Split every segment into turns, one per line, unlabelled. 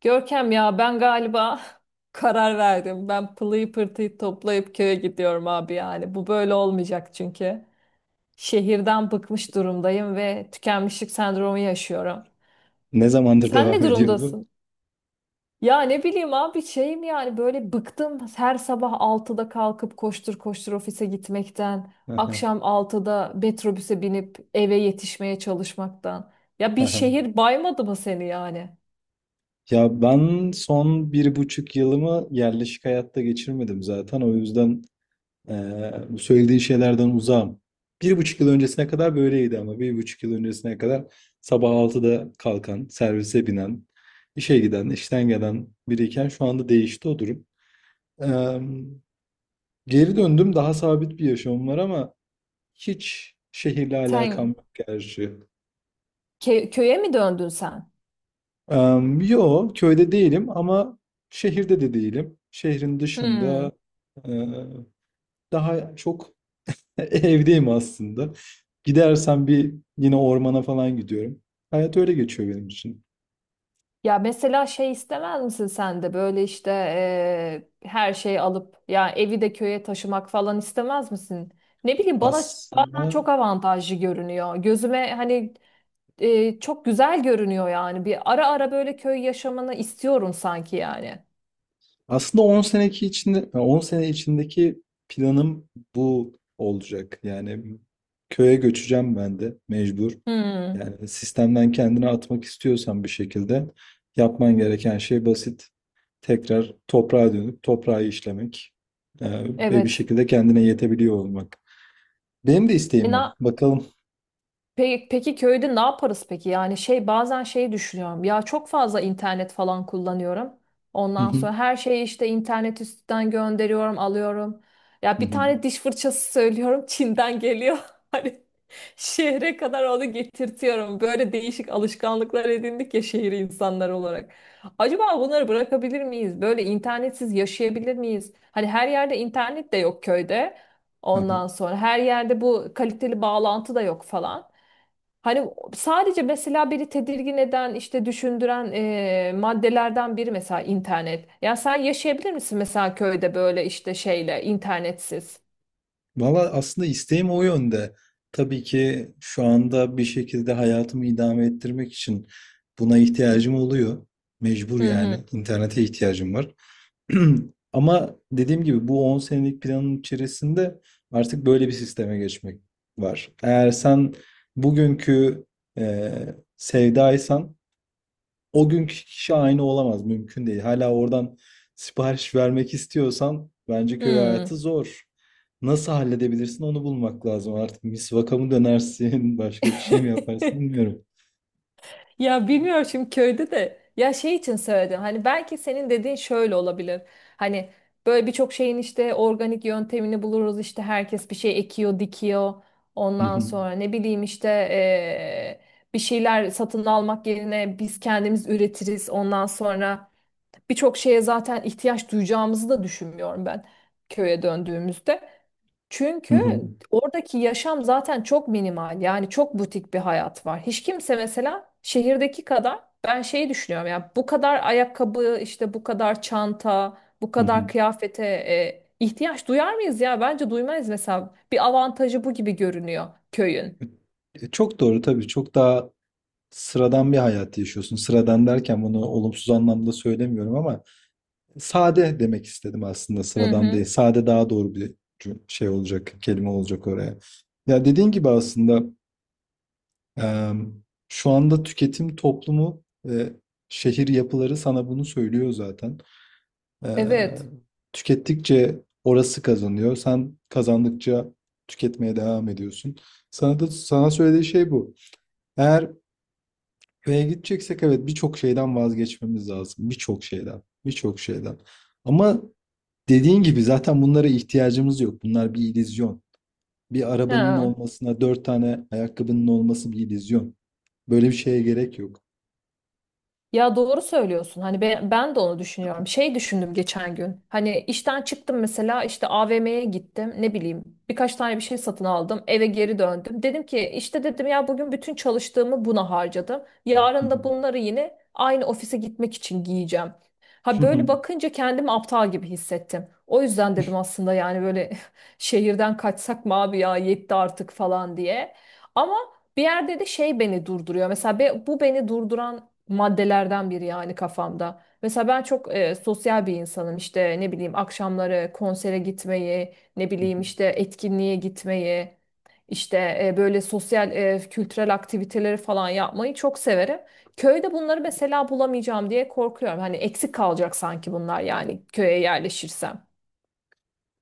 Görkem ya ben galiba karar verdim. Ben pılıyı pırtıyı toplayıp köye gidiyorum abi yani. Bu böyle olmayacak çünkü. Şehirden bıkmış durumdayım ve tükenmişlik sendromu yaşıyorum.
Ne zamandır
Sen ne
devam ediyor bu?
durumdasın? Ya ne bileyim abi şeyim yani böyle bıktım her sabah altıda kalkıp koştur koştur ofise gitmekten.
Aha,
Akşam altıda metrobüse binip eve yetişmeye çalışmaktan. Ya bir
aha.
şehir baymadı mı seni yani?
Ya ben son 1,5 yılımı yerleşik hayatta geçirmedim zaten. O yüzden bu söylediğin şeylerden uzağım. Bir buçuk yıl öncesine kadar böyleydi ama 1,5 yıl öncesine kadar sabah 6'da kalkan, servise binen, işe giden, işten gelen biriyken şu anda değişti o durum. Eee, Geri döndüm, daha sabit bir yaşamım var ama hiç şehirle alakam
Sen
yok gerçi.
köye mi döndün sen?
Yo, köyde değilim ama şehirde de değilim. Şehrin
Hmm.
dışında e, daha çok evdeyim aslında. Gidersem bir yine ormana falan gidiyorum. Hayat öyle geçiyor benim için.
Ya mesela şey istemez misin sen de böyle işte her şeyi alıp ya evi de köye taşımak falan istemez misin? Ne bileyim bana bazen
Aslında
çok avantajlı görünüyor. Gözüme hani çok güzel görünüyor yani. Bir ara ara böyle köy yaşamını istiyorum sanki yani.
Aslında 10 sene içindeki planım bu olacak. Yani köye göçeceğim ben de mecbur.
Hmm,
Yani sistemden kendini atmak istiyorsan bir şekilde yapman gereken şey basit. Tekrar toprağa dönüp toprağı işlemek ve bir
evet.
şekilde kendine yetebiliyor olmak. Benim de
E,
isteğim o.
na-
Bakalım.
Peki, peki köyde ne yaparız peki? Yani şey bazen şeyi düşünüyorum. Ya çok fazla internet falan kullanıyorum.
Hı
Ondan
hı,
sonra her şeyi işte internet üstünden gönderiyorum, alıyorum. Ya
hı
bir
hı.
tane diş fırçası söylüyorum, Çin'den geliyor. Hani şehre kadar onu getirtiyorum. Böyle değişik alışkanlıklar edindik ya şehir insanları olarak. Acaba bunları bırakabilir miyiz? Böyle internetsiz yaşayabilir miyiz? Hani her yerde internet de yok köyde. Ondan sonra her yerde bu kaliteli bağlantı da yok falan. Hani sadece mesela biri tedirgin eden, işte düşündüren maddelerden biri mesela internet. Ya sen yaşayabilir misin mesela köyde böyle işte şeyle internetsiz?
Valla aslında isteğim o yönde. Tabii ki şu anda bir şekilde hayatımı idame ettirmek için buna ihtiyacım oluyor. Mecbur
Hı
yani.
hı.
İnternete ihtiyacım var. Ama dediğim gibi bu 10 senelik planın içerisinde artık böyle bir sisteme geçmek var. Eğer sen bugünkü e, sevdaysan o günkü kişi aynı olamaz. Mümkün değil. Hala oradan sipariş vermek istiyorsan bence köy
Hı.
hayatı zor. Nasıl halledebilirsin onu bulmak lazım. Artık misvaka mı dönersin, başka bir şey mi yaparsın bilmiyorum.
Ya bilmiyorum şimdi köyde de ya şey için söyledim hani belki senin dediğin şöyle olabilir hani böyle birçok şeyin işte organik yöntemini buluruz işte herkes bir şey ekiyor dikiyor ondan sonra ne bileyim işte bir şeyler satın almak yerine biz kendimiz üretiriz ondan sonra birçok şeye zaten ihtiyaç duyacağımızı da düşünmüyorum ben köye döndüğümüzde. Çünkü oradaki yaşam zaten çok minimal. Yani çok butik bir hayat var. Hiç kimse mesela şehirdeki kadar ben şeyi düşünüyorum ya bu kadar ayakkabı işte bu kadar çanta bu kadar kıyafete ihtiyaç duyar mıyız ya? Bence duymayız mesela. Bir avantajı bu gibi görünüyor köyün.
Çok doğru tabii. Çok daha sıradan bir hayat yaşıyorsun. Sıradan derken bunu olumsuz anlamda söylemiyorum ama sade demek istedim aslında.
Hı
Sıradan değil.
hı.
Sade daha doğru bir şey olacak, kelime olacak oraya. Ya dediğin gibi aslında, Eee, şu anda tüketim toplumu ve şehir yapıları sana bunu söylüyor zaten. Eee,
Evet.
Tükettikçe orası kazanıyor. Sen kazandıkça tüketmeye devam ediyorsun. Sana söylediği şey bu. Eğer B'ye gideceksek evet birçok şeyden vazgeçmemiz lazım. Birçok şeyden. Birçok şeyden. Ama dediğin gibi zaten bunlara ihtiyacımız yok. Bunlar bir illüzyon. Bir arabanın
Ha.
olmasına, 4 tane ayakkabının olması bir illüzyon. Böyle bir şeye gerek yok.
Ya doğru söylüyorsun. Hani ben, ben de onu düşünüyorum. Şey düşündüm geçen gün. Hani işten çıktım mesela işte AVM'ye gittim. Ne bileyim birkaç tane bir şey satın aldım. Eve geri döndüm. Dedim ki işte dedim ya bugün bütün çalıştığımı buna harcadım. Yarın da bunları yine aynı ofise gitmek için giyeceğim. Ha böyle bakınca kendimi aptal gibi hissettim. O yüzden dedim aslında yani böyle şehirden kaçsak mı abi ya yetti artık falan diye. Ama bir yerde de şey beni durduruyor. Mesela bu beni durduran maddelerden biri yani kafamda. Mesela ben çok sosyal bir insanım. İşte ne bileyim akşamları konsere gitmeyi, ne bileyim işte etkinliğe gitmeyi, işte böyle sosyal kültürel aktiviteleri falan yapmayı çok severim. Köyde bunları mesela bulamayacağım diye korkuyorum. Hani eksik kalacak sanki bunlar yani köye yerleşirsem.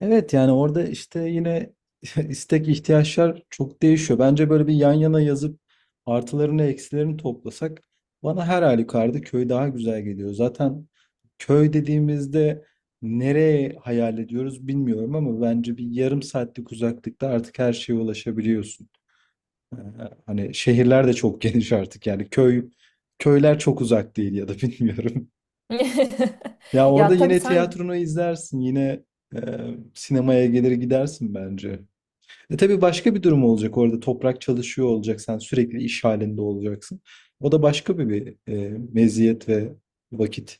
Evet yani orada işte yine istek ihtiyaçlar çok değişiyor. Bence böyle bir yan yana yazıp artılarını eksilerini toplasak bana her halükarda köy daha güzel geliyor. Zaten köy dediğimizde nereye hayal ediyoruz bilmiyorum ama bence bir yarım saatlik uzaklıkta artık her şeye ulaşabiliyorsun. Ee, Hani şehirler de çok geniş artık yani köyler çok uzak değil ya da bilmiyorum. Ya orada
Ya tabii
yine
sen
tiyatronu izlersin, yine e, sinemaya gelir gidersin bence. E tabii başka bir durum olacak orada. Toprak çalışıyor olacak, sen sürekli iş halinde olacaksın. O da başka bir meziyet ve vakit.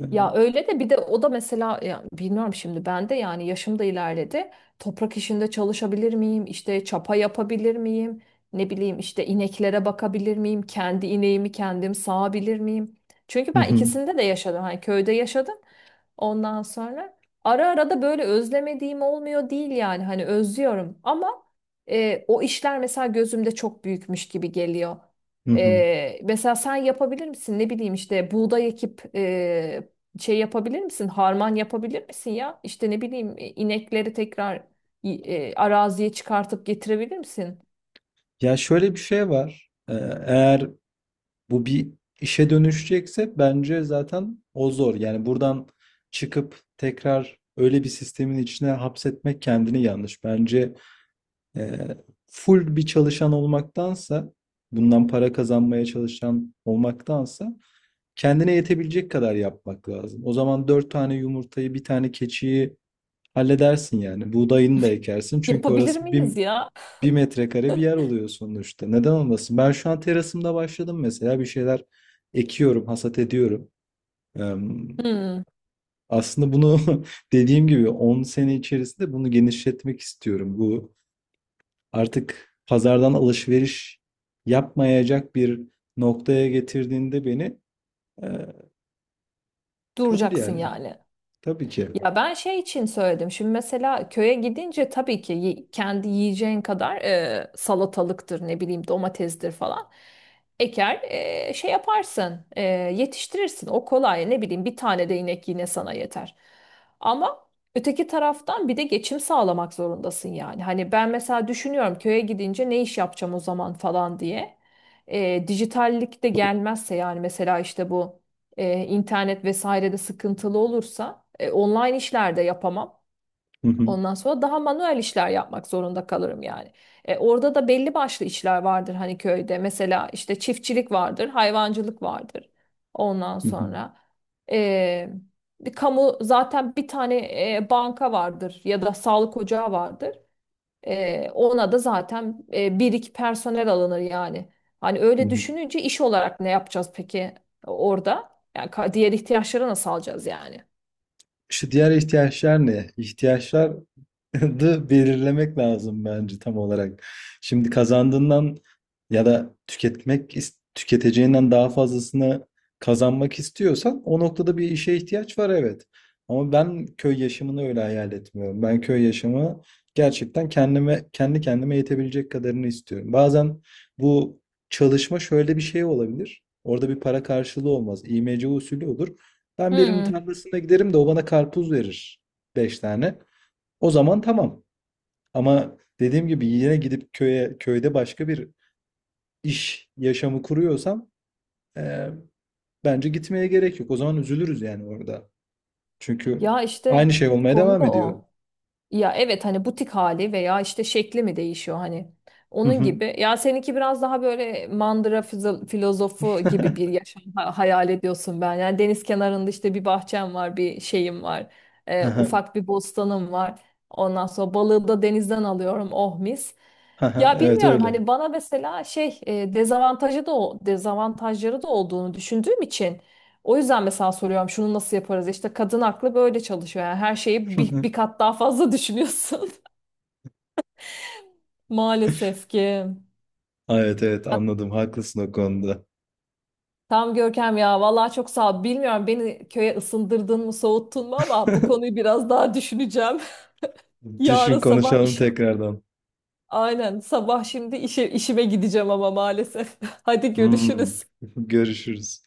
E,
Ya öyle de bir de o da mesela ya bilmiyorum şimdi ben de yani yaşım da ilerledi. Toprak işinde çalışabilir miyim? İşte çapa yapabilir miyim? Ne bileyim işte ineklere bakabilir miyim? Kendi ineğimi kendim sağabilir miyim? Çünkü
hı
ben
hı,
ikisinde de yaşadım. Hani köyde yaşadım. Ondan sonra ara ara da böyle özlemediğim olmuyor değil yani. Hani özlüyorum ama o işler mesela gözümde çok büyükmüş gibi geliyor.
hı hı.
Mesela sen yapabilir misin? Ne bileyim işte buğday ekip şey yapabilir misin? Harman yapabilir misin ya? İşte ne bileyim inekleri tekrar araziye çıkartıp getirebilir misin?
Ya şöyle bir şey var. Eğer bu bir işe dönüşecekse bence zaten o zor. Yani buradan çıkıp tekrar öyle bir sistemin içine hapsetmek kendini yanlış. Bence Eee, full bir çalışan olmaktansa, bundan para kazanmaya çalışan olmaktansa kendine yetebilecek kadar yapmak lazım. O zaman 4 tane yumurtayı, bir tane keçiyi halledersin yani. Buğdayını da ekersin çünkü
Yapabilir
orası bir,
miyiz ya?
bir metrekare bir yer oluyor sonuçta. Neden olmasın? Ben şu an terasımda başladım mesela bir şeyler ekiyorum, hasat ediyorum. Eee,
Hmm,
Aslında bunu dediğim gibi 10 sene içerisinde bunu genişletmek istiyorum. Bu artık pazardan alışveriş yapmayacak bir noktaya getirdiğinde beni e, kabul
duracaksın
yani.
yani.
Tabii ki.
Ya ben şey için söyledim. Şimdi mesela köye gidince tabii ki kendi yiyeceğin kadar salatalıktır, ne bileyim domatesdir falan. Eker şey yaparsın, yetiştirirsin. O kolay. Ne bileyim bir tane de inek yine sana yeter. Ama öteki taraftan bir de geçim sağlamak zorundasın yani. Hani ben mesela düşünüyorum köye gidince ne iş yapacağım o zaman falan diye. Dijitallik de gelmezse yani mesela işte bu internet vesairede sıkıntılı olursa online işler de yapamam.
Hı hı,
Ondan sonra daha manuel işler yapmak zorunda kalırım yani. Orada da belli başlı işler vardır hani köyde. Mesela işte çiftçilik vardır, hayvancılık vardır. Ondan
hı hı,
sonra e, bir kamu zaten bir tane banka vardır ya da sağlık ocağı vardır. Ona da zaten bir iki personel alınır yani. Hani
hı
öyle
hı.
düşününce iş olarak ne yapacağız peki orada? Yani diğer ihtiyaçları nasıl alacağız yani?
İşte diğer ihtiyaçlar ne? İhtiyaçlar da belirlemek lazım bence tam olarak. Şimdi kazandığından ya da tüketeceğinden daha fazlasını kazanmak istiyorsan o noktada bir işe ihtiyaç var evet. Ama ben köy yaşamını öyle hayal etmiyorum. Ben köy yaşamı gerçekten kendi kendime yetebilecek kadarını istiyorum. Bazen bu çalışma şöyle bir şey olabilir. Orada bir para karşılığı olmaz. İMC usulü olur. Ben birinin
Hmm.
tarlasına giderim de o bana karpuz verir. 5 tane. O zaman tamam. Ama dediğim gibi yine gidip köyde başka bir iş yaşamı kuruyorsam eee, bence gitmeye gerek yok. O zaman üzülürüz yani orada. Çünkü
Ya
aynı
işte
şey olmaya
konu
devam
da
ediyor.
o. Ya evet hani butik hali veya işte şekli mi değişiyor hani
Hı
onun
hı.
gibi. Ya seninki biraz daha böyle mandıra filozofu gibi bir yaşam hayal ediyorsun ben. Yani deniz kenarında işte bir bahçem var, bir şeyim var, ufak bir bostanım var. Ondan sonra balığı da denizden alıyorum, oh mis. Ya
Evet
bilmiyorum
öyle.
hani bana mesela şey dezavantajı da o dezavantajları da olduğunu düşündüğüm için. O yüzden mesela soruyorum şunu nasıl yaparız? İşte kadın aklı böyle çalışıyor. Yani her şeyi bir, bir kat daha fazla düşünüyorsun. Maalesef ki.
Evet evet anladım. Haklısın o konuda.
Tam Görkem ya vallahi çok sağ ol. Bilmiyorum beni köye ısındırdın mı soğuttun mu ama bu konuyu biraz daha düşüneceğim. Yarın
Düşün
sabah
konuşalım
işim
tekrardan.
aynen sabah şimdi işime gideceğim ama maalesef. Hadi
Hmm.
görüşürüz.
Görüşürüz.